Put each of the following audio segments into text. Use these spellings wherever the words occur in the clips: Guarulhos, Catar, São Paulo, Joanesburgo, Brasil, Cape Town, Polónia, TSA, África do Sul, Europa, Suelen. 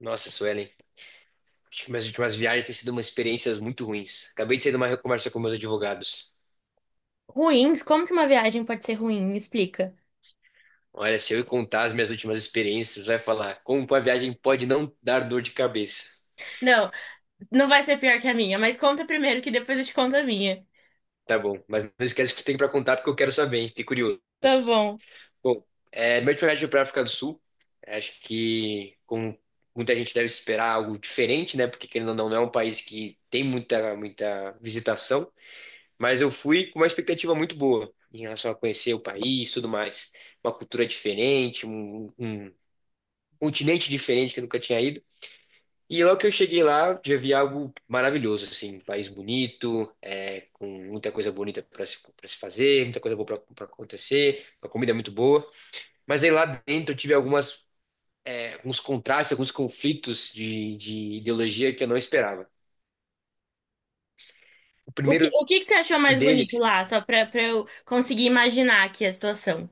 Nossa, Suelen, acho que minhas últimas viagens têm sido umas experiências muito ruins. Acabei de sair de uma conversa com meus advogados. Ruins? Como que uma viagem pode ser ruim? Me explica. Olha, se eu contar as minhas últimas experiências, vai falar como a viagem pode não dar dor de cabeça. Não, não vai ser pior que a minha, mas conta primeiro que depois eu te conto a minha. Tá bom, mas não esquece que você tem para contar porque eu quero saber, hein? Fiquei curioso. Tá bom. Bom, minha última viagem foi para a África do Sul. Acho que como muita gente deve esperar algo diferente, né? Porque querendo ou não, não é um país que tem muita visitação. Mas eu fui com uma expectativa muito boa em relação a conhecer o país, tudo mais. Uma cultura diferente, um continente diferente que eu nunca tinha ido. E logo que eu cheguei lá, já vi algo maravilhoso, assim, um país bonito, com muita coisa bonita para se, pra se fazer, muita coisa boa para acontecer, uma comida muito boa. Mas aí lá dentro eu tive alguns contrastes, alguns conflitos de ideologia que eu não esperava. O O que, primeiro o que que você achou mais bonito deles. lá? Só pra eu conseguir imaginar aqui a situação.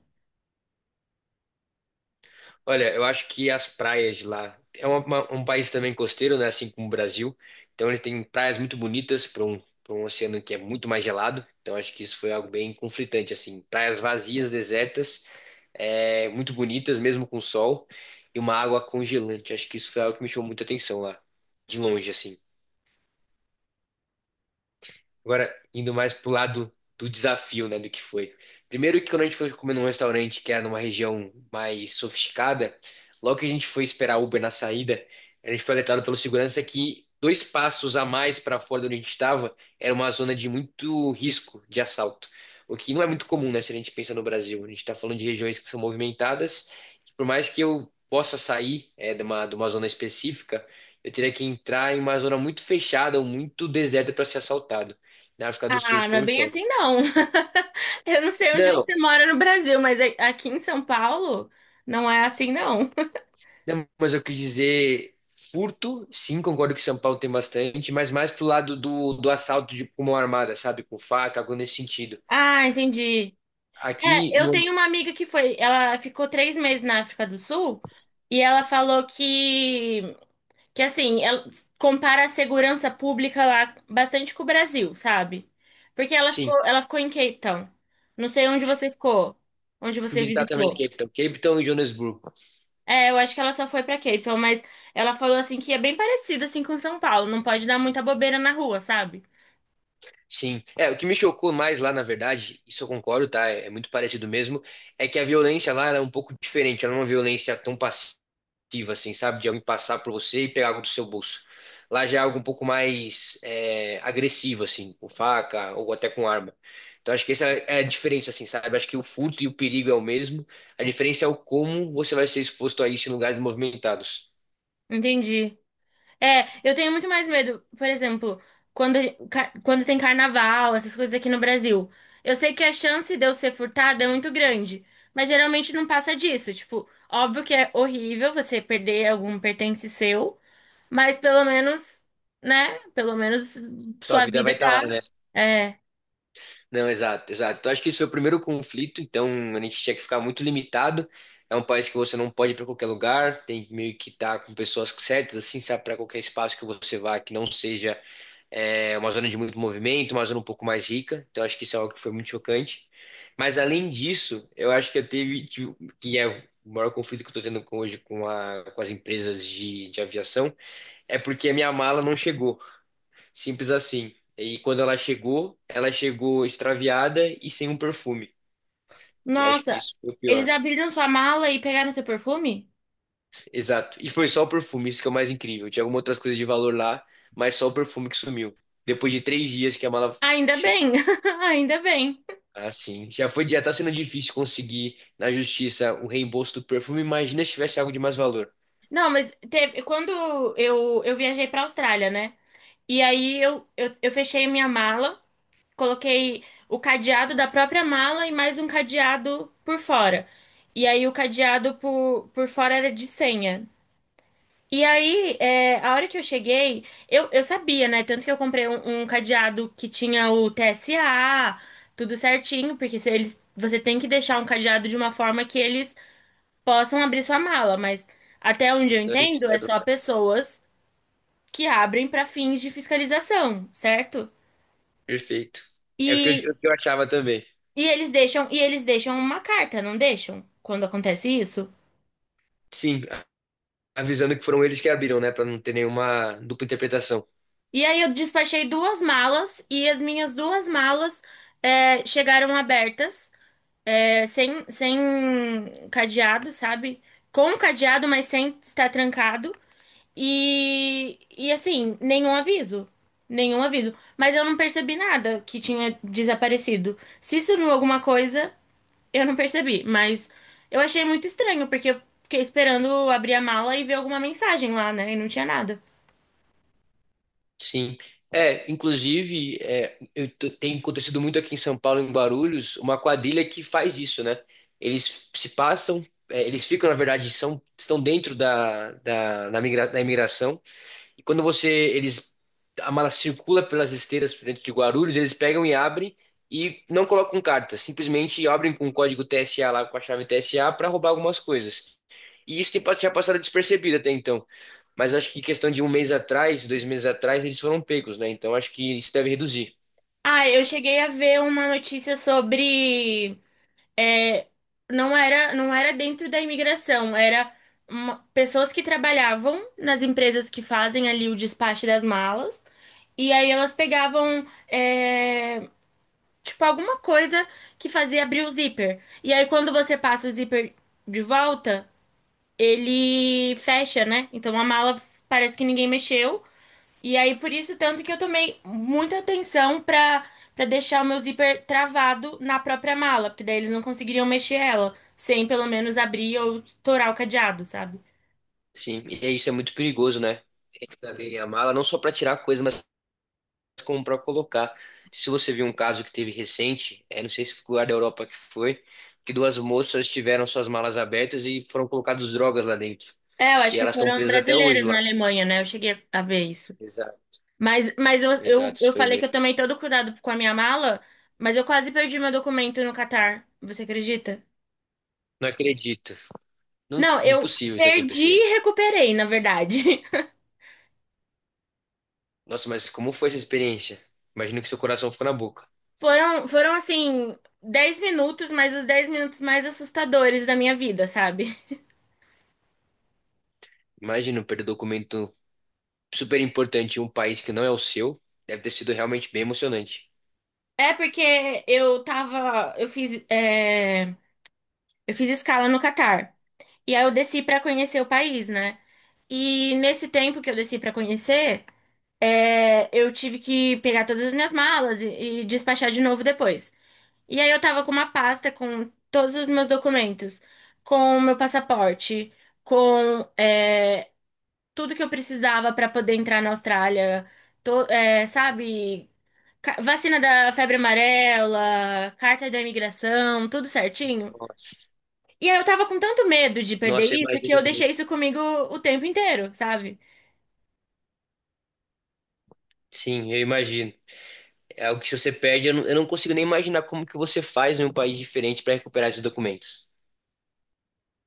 Olha, eu acho que as praias de lá é um país também costeiro, né? Assim como o Brasil. Então ele tem praias muito bonitas para para um oceano que é muito mais gelado. Então acho que isso foi algo bem conflitante, assim. Praias vazias, desertas, muito bonitas, mesmo com sol, e uma água congelante. Acho que isso foi algo que me chamou muita atenção lá, de longe, assim. Agora, indo mais pro lado do desafio, né, do que foi. Primeiro que quando a gente foi comer num restaurante que era numa região mais sofisticada, logo que a gente foi esperar Uber na saída, a gente foi alertado pelo segurança que dois passos a mais para fora de onde a gente estava era uma zona de muito risco de assalto. O que não é muito comum, né, se a gente pensa no Brasil. A gente está falando de regiões que são movimentadas, que por mais que eu possa sair, de de uma zona específica, eu teria que entrar em uma zona muito fechada ou muito deserta para ser assaltado. Na África do Sul Ah, não foi é um bem assim, choque. não. Eu não sei onde Não, você mora no Brasil, mas aqui em São Paulo não é assim, não. não, mas eu quis dizer furto, sim, concordo que São Paulo tem bastante, mas mais pro lado do assalto de com mão armada, sabe? Com faca, algo nesse sentido. Ah, entendi. É, Aqui, eu no, tenho uma amiga que foi, ela ficou 3 meses na África do Sul e ela falou que assim, ela compara a segurança pública lá bastante com o Brasil, sabe? Porque ela ficou, sim, ela ficou em Cape Town. Não sei onde você ficou, onde fui você visitar também visitou. Cape Town. Cape Town e Joanesburgo. É, eu acho que ela só foi pra Cape Town, mas ela falou assim que é bem parecido assim com São Paulo, não pode dar muita bobeira na rua, sabe? Sim. É, o que me chocou mais lá, na verdade, isso eu concordo, tá? É muito parecido mesmo, é que a violência lá ela é um pouco diferente, ela não é uma violência tão passiva, assim, sabe? De alguém passar por você e pegar algo do seu bolso. Lá já é algo um pouco mais agressivo, assim, com faca ou até com arma. Então acho que essa é a diferença, assim, sabe? Acho que o furto e o perigo é o mesmo. A diferença é o como você vai ser exposto a isso em lugares movimentados. Entendi. É, eu tenho muito mais medo, por exemplo, quando, quando tem carnaval, essas coisas aqui no Brasil. Eu sei que a chance de eu ser furtada é muito grande, mas geralmente não passa disso. Tipo, óbvio que é horrível você perder algum pertence seu, mas pelo menos, né? Pelo menos Tua sua vida vai vida estar lá, tá. né? É. Não, exato, exato. Então, acho que esse foi o primeiro conflito, então a gente tinha que ficar muito limitado. É um país que você não pode ir para qualquer lugar, tem meio que estar com pessoas certas, assim, sabe, para qualquer espaço que você vá, que não seja uma zona de muito movimento, uma zona um pouco mais rica. Então, acho que isso é algo que foi muito chocante. Mas, além disso, eu acho que que é o maior conflito que eu estou hoje com as empresas de aviação, é porque a minha mala não chegou. Simples assim. E quando ela chegou extraviada e sem um perfume. E acho que Nossa, isso foi o eles pior. abriram sua mala e pegaram seu perfume? Exato. E foi só o perfume, isso que é o mais incrível. Tinha algumas outras coisas de valor lá, mas só o perfume que sumiu. Depois de três dias que a mala Ainda chegou. bem, ainda bem. Ah, sim. Já foi, já tá sendo difícil conseguir na justiça o reembolso do perfume. Imagina se tivesse algo de mais valor. Não, mas teve, quando eu viajei pra Austrália, né? E aí eu fechei minha mala, coloquei o cadeado da própria mala e mais um cadeado por fora. E aí o cadeado por fora era de senha. E aí, a hora que eu cheguei, eu sabia, né? Tanto que eu comprei um cadeado que tinha o TSA, tudo certinho, porque se eles, você tem que deixar um cadeado de uma forma que eles possam abrir sua mala, mas até onde Sim, eu então eles entendo, é quebram, só né? pessoas que abrem para fins de fiscalização, certo? Perfeito. É o que E, o que eu achava também. e eles deixam uma carta, não deixam? Quando acontece isso? Sim, avisando que foram eles que abriram, né? Pra não ter nenhuma dupla interpretação. E aí eu despachei duas malas e as minhas duas malas chegaram abertas, sem cadeado, sabe? Com cadeado, mas sem estar trancado. E assim, nenhum aviso. Nenhum aviso. Mas eu não percebi nada que tinha desaparecido. Se sumiu alguma coisa, eu não percebi. Mas eu achei muito estranho, porque eu fiquei esperando abrir a mala e ver alguma mensagem lá, né? E não tinha nada. Sim. É, inclusive, tem acontecido muito aqui em São Paulo, em Guarulhos, uma quadrilha que faz isso, né? Eles se passam, eles ficam, na verdade, são, estão dentro da imigração, e quando a mala circula pelas esteiras dentro de Guarulhos, eles pegam e abrem, e não colocam carta, simplesmente abrem com o código TSA lá, com a chave TSA, para roubar algumas coisas. E isso tinha passado despercebido até então, mas acho que questão de um mês atrás, dois meses atrás, eles foram pegos, né? Então acho que isso deve reduzir. Ah, eu cheguei a ver uma notícia sobre, é, não era dentro da imigração, era pessoas que trabalhavam nas empresas que fazem ali o despacho das malas, e aí elas pegavam, tipo, alguma coisa que fazia abrir o zíper. E aí quando você passa o zíper de volta, ele fecha, né? Então a mala parece que ninguém mexeu. E aí por isso tanto que eu tomei muita atenção pra para deixar o meu zíper travado na própria mala, porque daí eles não conseguiriam mexer ela sem pelo menos abrir ou estourar o cadeado, sabe? Sim, e é isso é muito perigoso, né? Tem que saber a mala, não só para tirar coisa, mas como para colocar. Se você viu um caso que teve recente, não sei se foi o lugar da Europa que foi, que duas moças tiveram suas malas abertas e foram colocadas drogas lá dentro. É, eu acho E que elas estão foram presas até hoje brasileiras na lá. Alemanha, né? Eu cheguei a ver isso. Exato, Mas eu, eu, exato, isso eu foi falei que mesmo. eu tomei todo cuidado com a minha mala, mas eu quase perdi meu documento no Catar. Você acredita? Não acredito. Não, Não, eu impossível isso perdi acontecer. e recuperei, na verdade. Nossa, mas como foi essa experiência? Imagino que seu coração ficou na boca. Foram assim, 10 minutos, mas os 10 minutos mais assustadores da minha vida, sabe? Imagina perder documento super importante em um país que não é o seu, deve ter sido realmente bem emocionante. É porque eu tava. Eu fiz escala no Catar. E aí eu desci pra conhecer o país, né? E nesse tempo que eu desci pra conhecer, eu tive que pegar todas as minhas malas e despachar de novo depois. E aí eu tava com uma pasta com todos os meus documentos, com o meu passaporte, com é, tudo que eu precisava para poder entrar na Austrália. Sabe? Vacina da febre amarela, carta da imigração, tudo certinho. Nossa. E aí eu tava com tanto medo de perder Nossa, eu isso que imagino eu mesmo. deixei isso comigo o tempo inteiro, sabe? Sim, eu imagino. É algo que se você perde, eu não consigo nem imaginar como que você faz em um país diferente para recuperar esses documentos.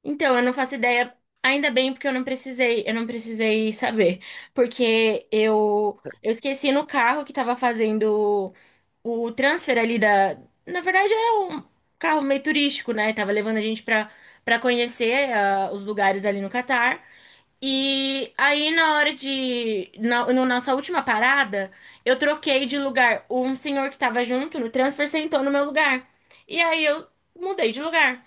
Então, eu não faço ideia, ainda bem porque eu não precisei saber, porque eu esqueci no carro que estava fazendo o transfer ali na verdade era um carro meio turístico, né? Tava levando a gente para conhecer os lugares ali no Catar. E aí, na hora de. Na nossa última parada, eu troquei de lugar. Um senhor que tava junto no transfer sentou no meu lugar. E aí eu mudei de lugar.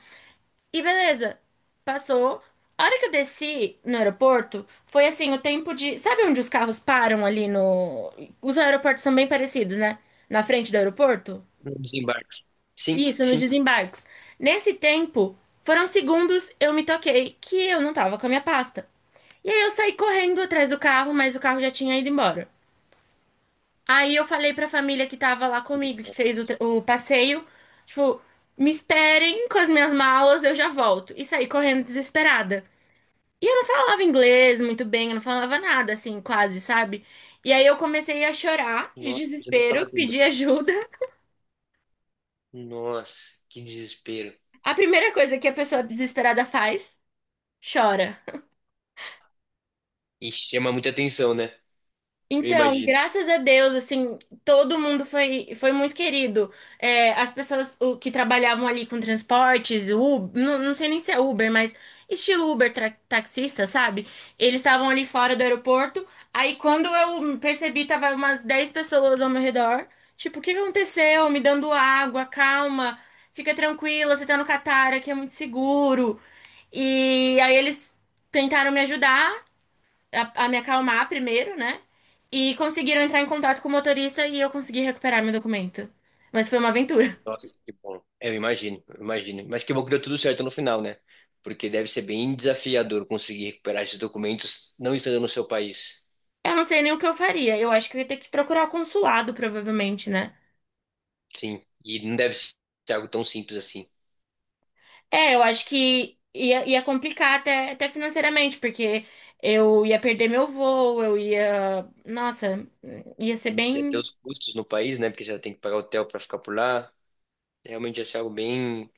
E beleza, passou. A hora que eu desci no aeroporto, foi assim, o tempo de. Sabe onde os carros param ali no. Os aeroportos são bem parecidos, né? Na frente do aeroporto? No desembarque. Sim, Isso, nos sim. desembarques. Nesse tempo, foram segundos, eu me toquei que eu não tava com a minha pasta. E aí eu saí correndo atrás do carro, mas o carro já tinha ido embora. Aí eu falei pra família que tava lá comigo, que fez o, Nossa. tra- o passeio, tipo, me esperem com as minhas malas, eu já volto. E saí correndo desesperada. E eu não falava inglês muito bem, eu não falava nada, assim, quase, sabe? E aí eu comecei a chorar de Nossa, não precisa nem falar desespero, do pedir inglês. ajuda. Nossa, que desespero. A primeira coisa que a pessoa desesperada faz, chora. E chama muita atenção, né? Eu Então, imagino. graças a Deus, assim, todo mundo foi, foi muito querido. É, as pessoas que trabalhavam ali com transportes, Uber, não sei nem se é Uber, mas estilo Uber taxista, sabe? Eles estavam ali fora do aeroporto. Aí, quando eu percebi, tava umas 10 pessoas ao meu redor. Tipo, o que que aconteceu? Me dando água, calma, fica tranquila, você tá no Catar, aqui é muito seguro. E aí, eles tentaram me ajudar a me acalmar primeiro, né? E conseguiram entrar em contato com o motorista e eu consegui recuperar meu documento. Mas foi uma aventura. Nossa, que bom. É, eu imagino, eu imagino. Mas que bom que deu tudo certo no final, né? Porque deve ser bem desafiador conseguir recuperar esses documentos não estando no seu país. Eu não sei nem o que eu faria. Eu acho que eu ia ter que procurar o consulado, provavelmente, né? Sim, e não deve ser algo tão simples assim. É, eu acho que ia complicar até financeiramente, porque eu ia perder meu voo, eu ia. Nossa, ia ser E até bem. os custos no país, né? Porque você tem que pagar hotel para ficar por lá. Realmente ia ser algo bem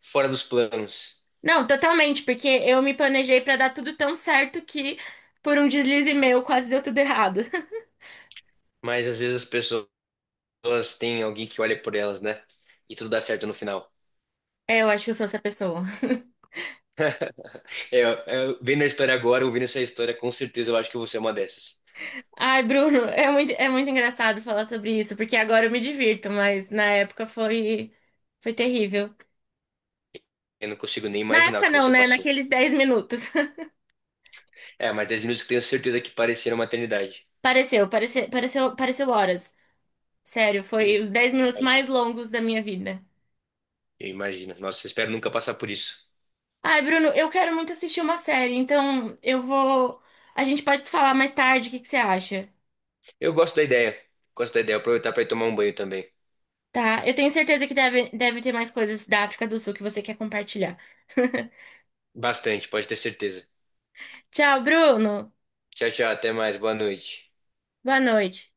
fora dos planos. Não, totalmente, porque eu me planejei pra dar tudo tão certo que por um deslize meu quase deu tudo errado. Mas às vezes as pessoas têm alguém que olha por elas, né? E tudo dá certo no final. É, eu acho que eu sou essa pessoa. É, é, vendo a história agora, ouvindo essa história, com certeza eu acho que você é uma dessas. Ai, Bruno, é muito engraçado falar sobre isso, porque agora eu me divirto, mas na época foi, foi terrível. Eu não consigo nem Na imaginar o época que não, você né? passou. Naqueles 10 minutos. É, mas 10 minutos que tenho certeza que pareceram uma eternidade. Pareceu, pareceu, pareceu, pareceu horas. Sério, foi Eu os 10 minutos imagino. mais longos da minha vida. Eu imagino. Nossa, eu espero nunca passar por isso. Ai, Bruno, eu quero muito assistir uma série, então eu vou. A gente pode se falar mais tarde, o que que você acha? Eu gosto da ideia. Gosto da ideia. Aproveitar para ir tomar um banho também. Tá? Eu tenho certeza que deve ter mais coisas da África do Sul que você quer compartilhar. Bastante, pode ter certeza. Tchau, Bruno. Tchau, tchau. Até mais. Boa noite. Boa noite.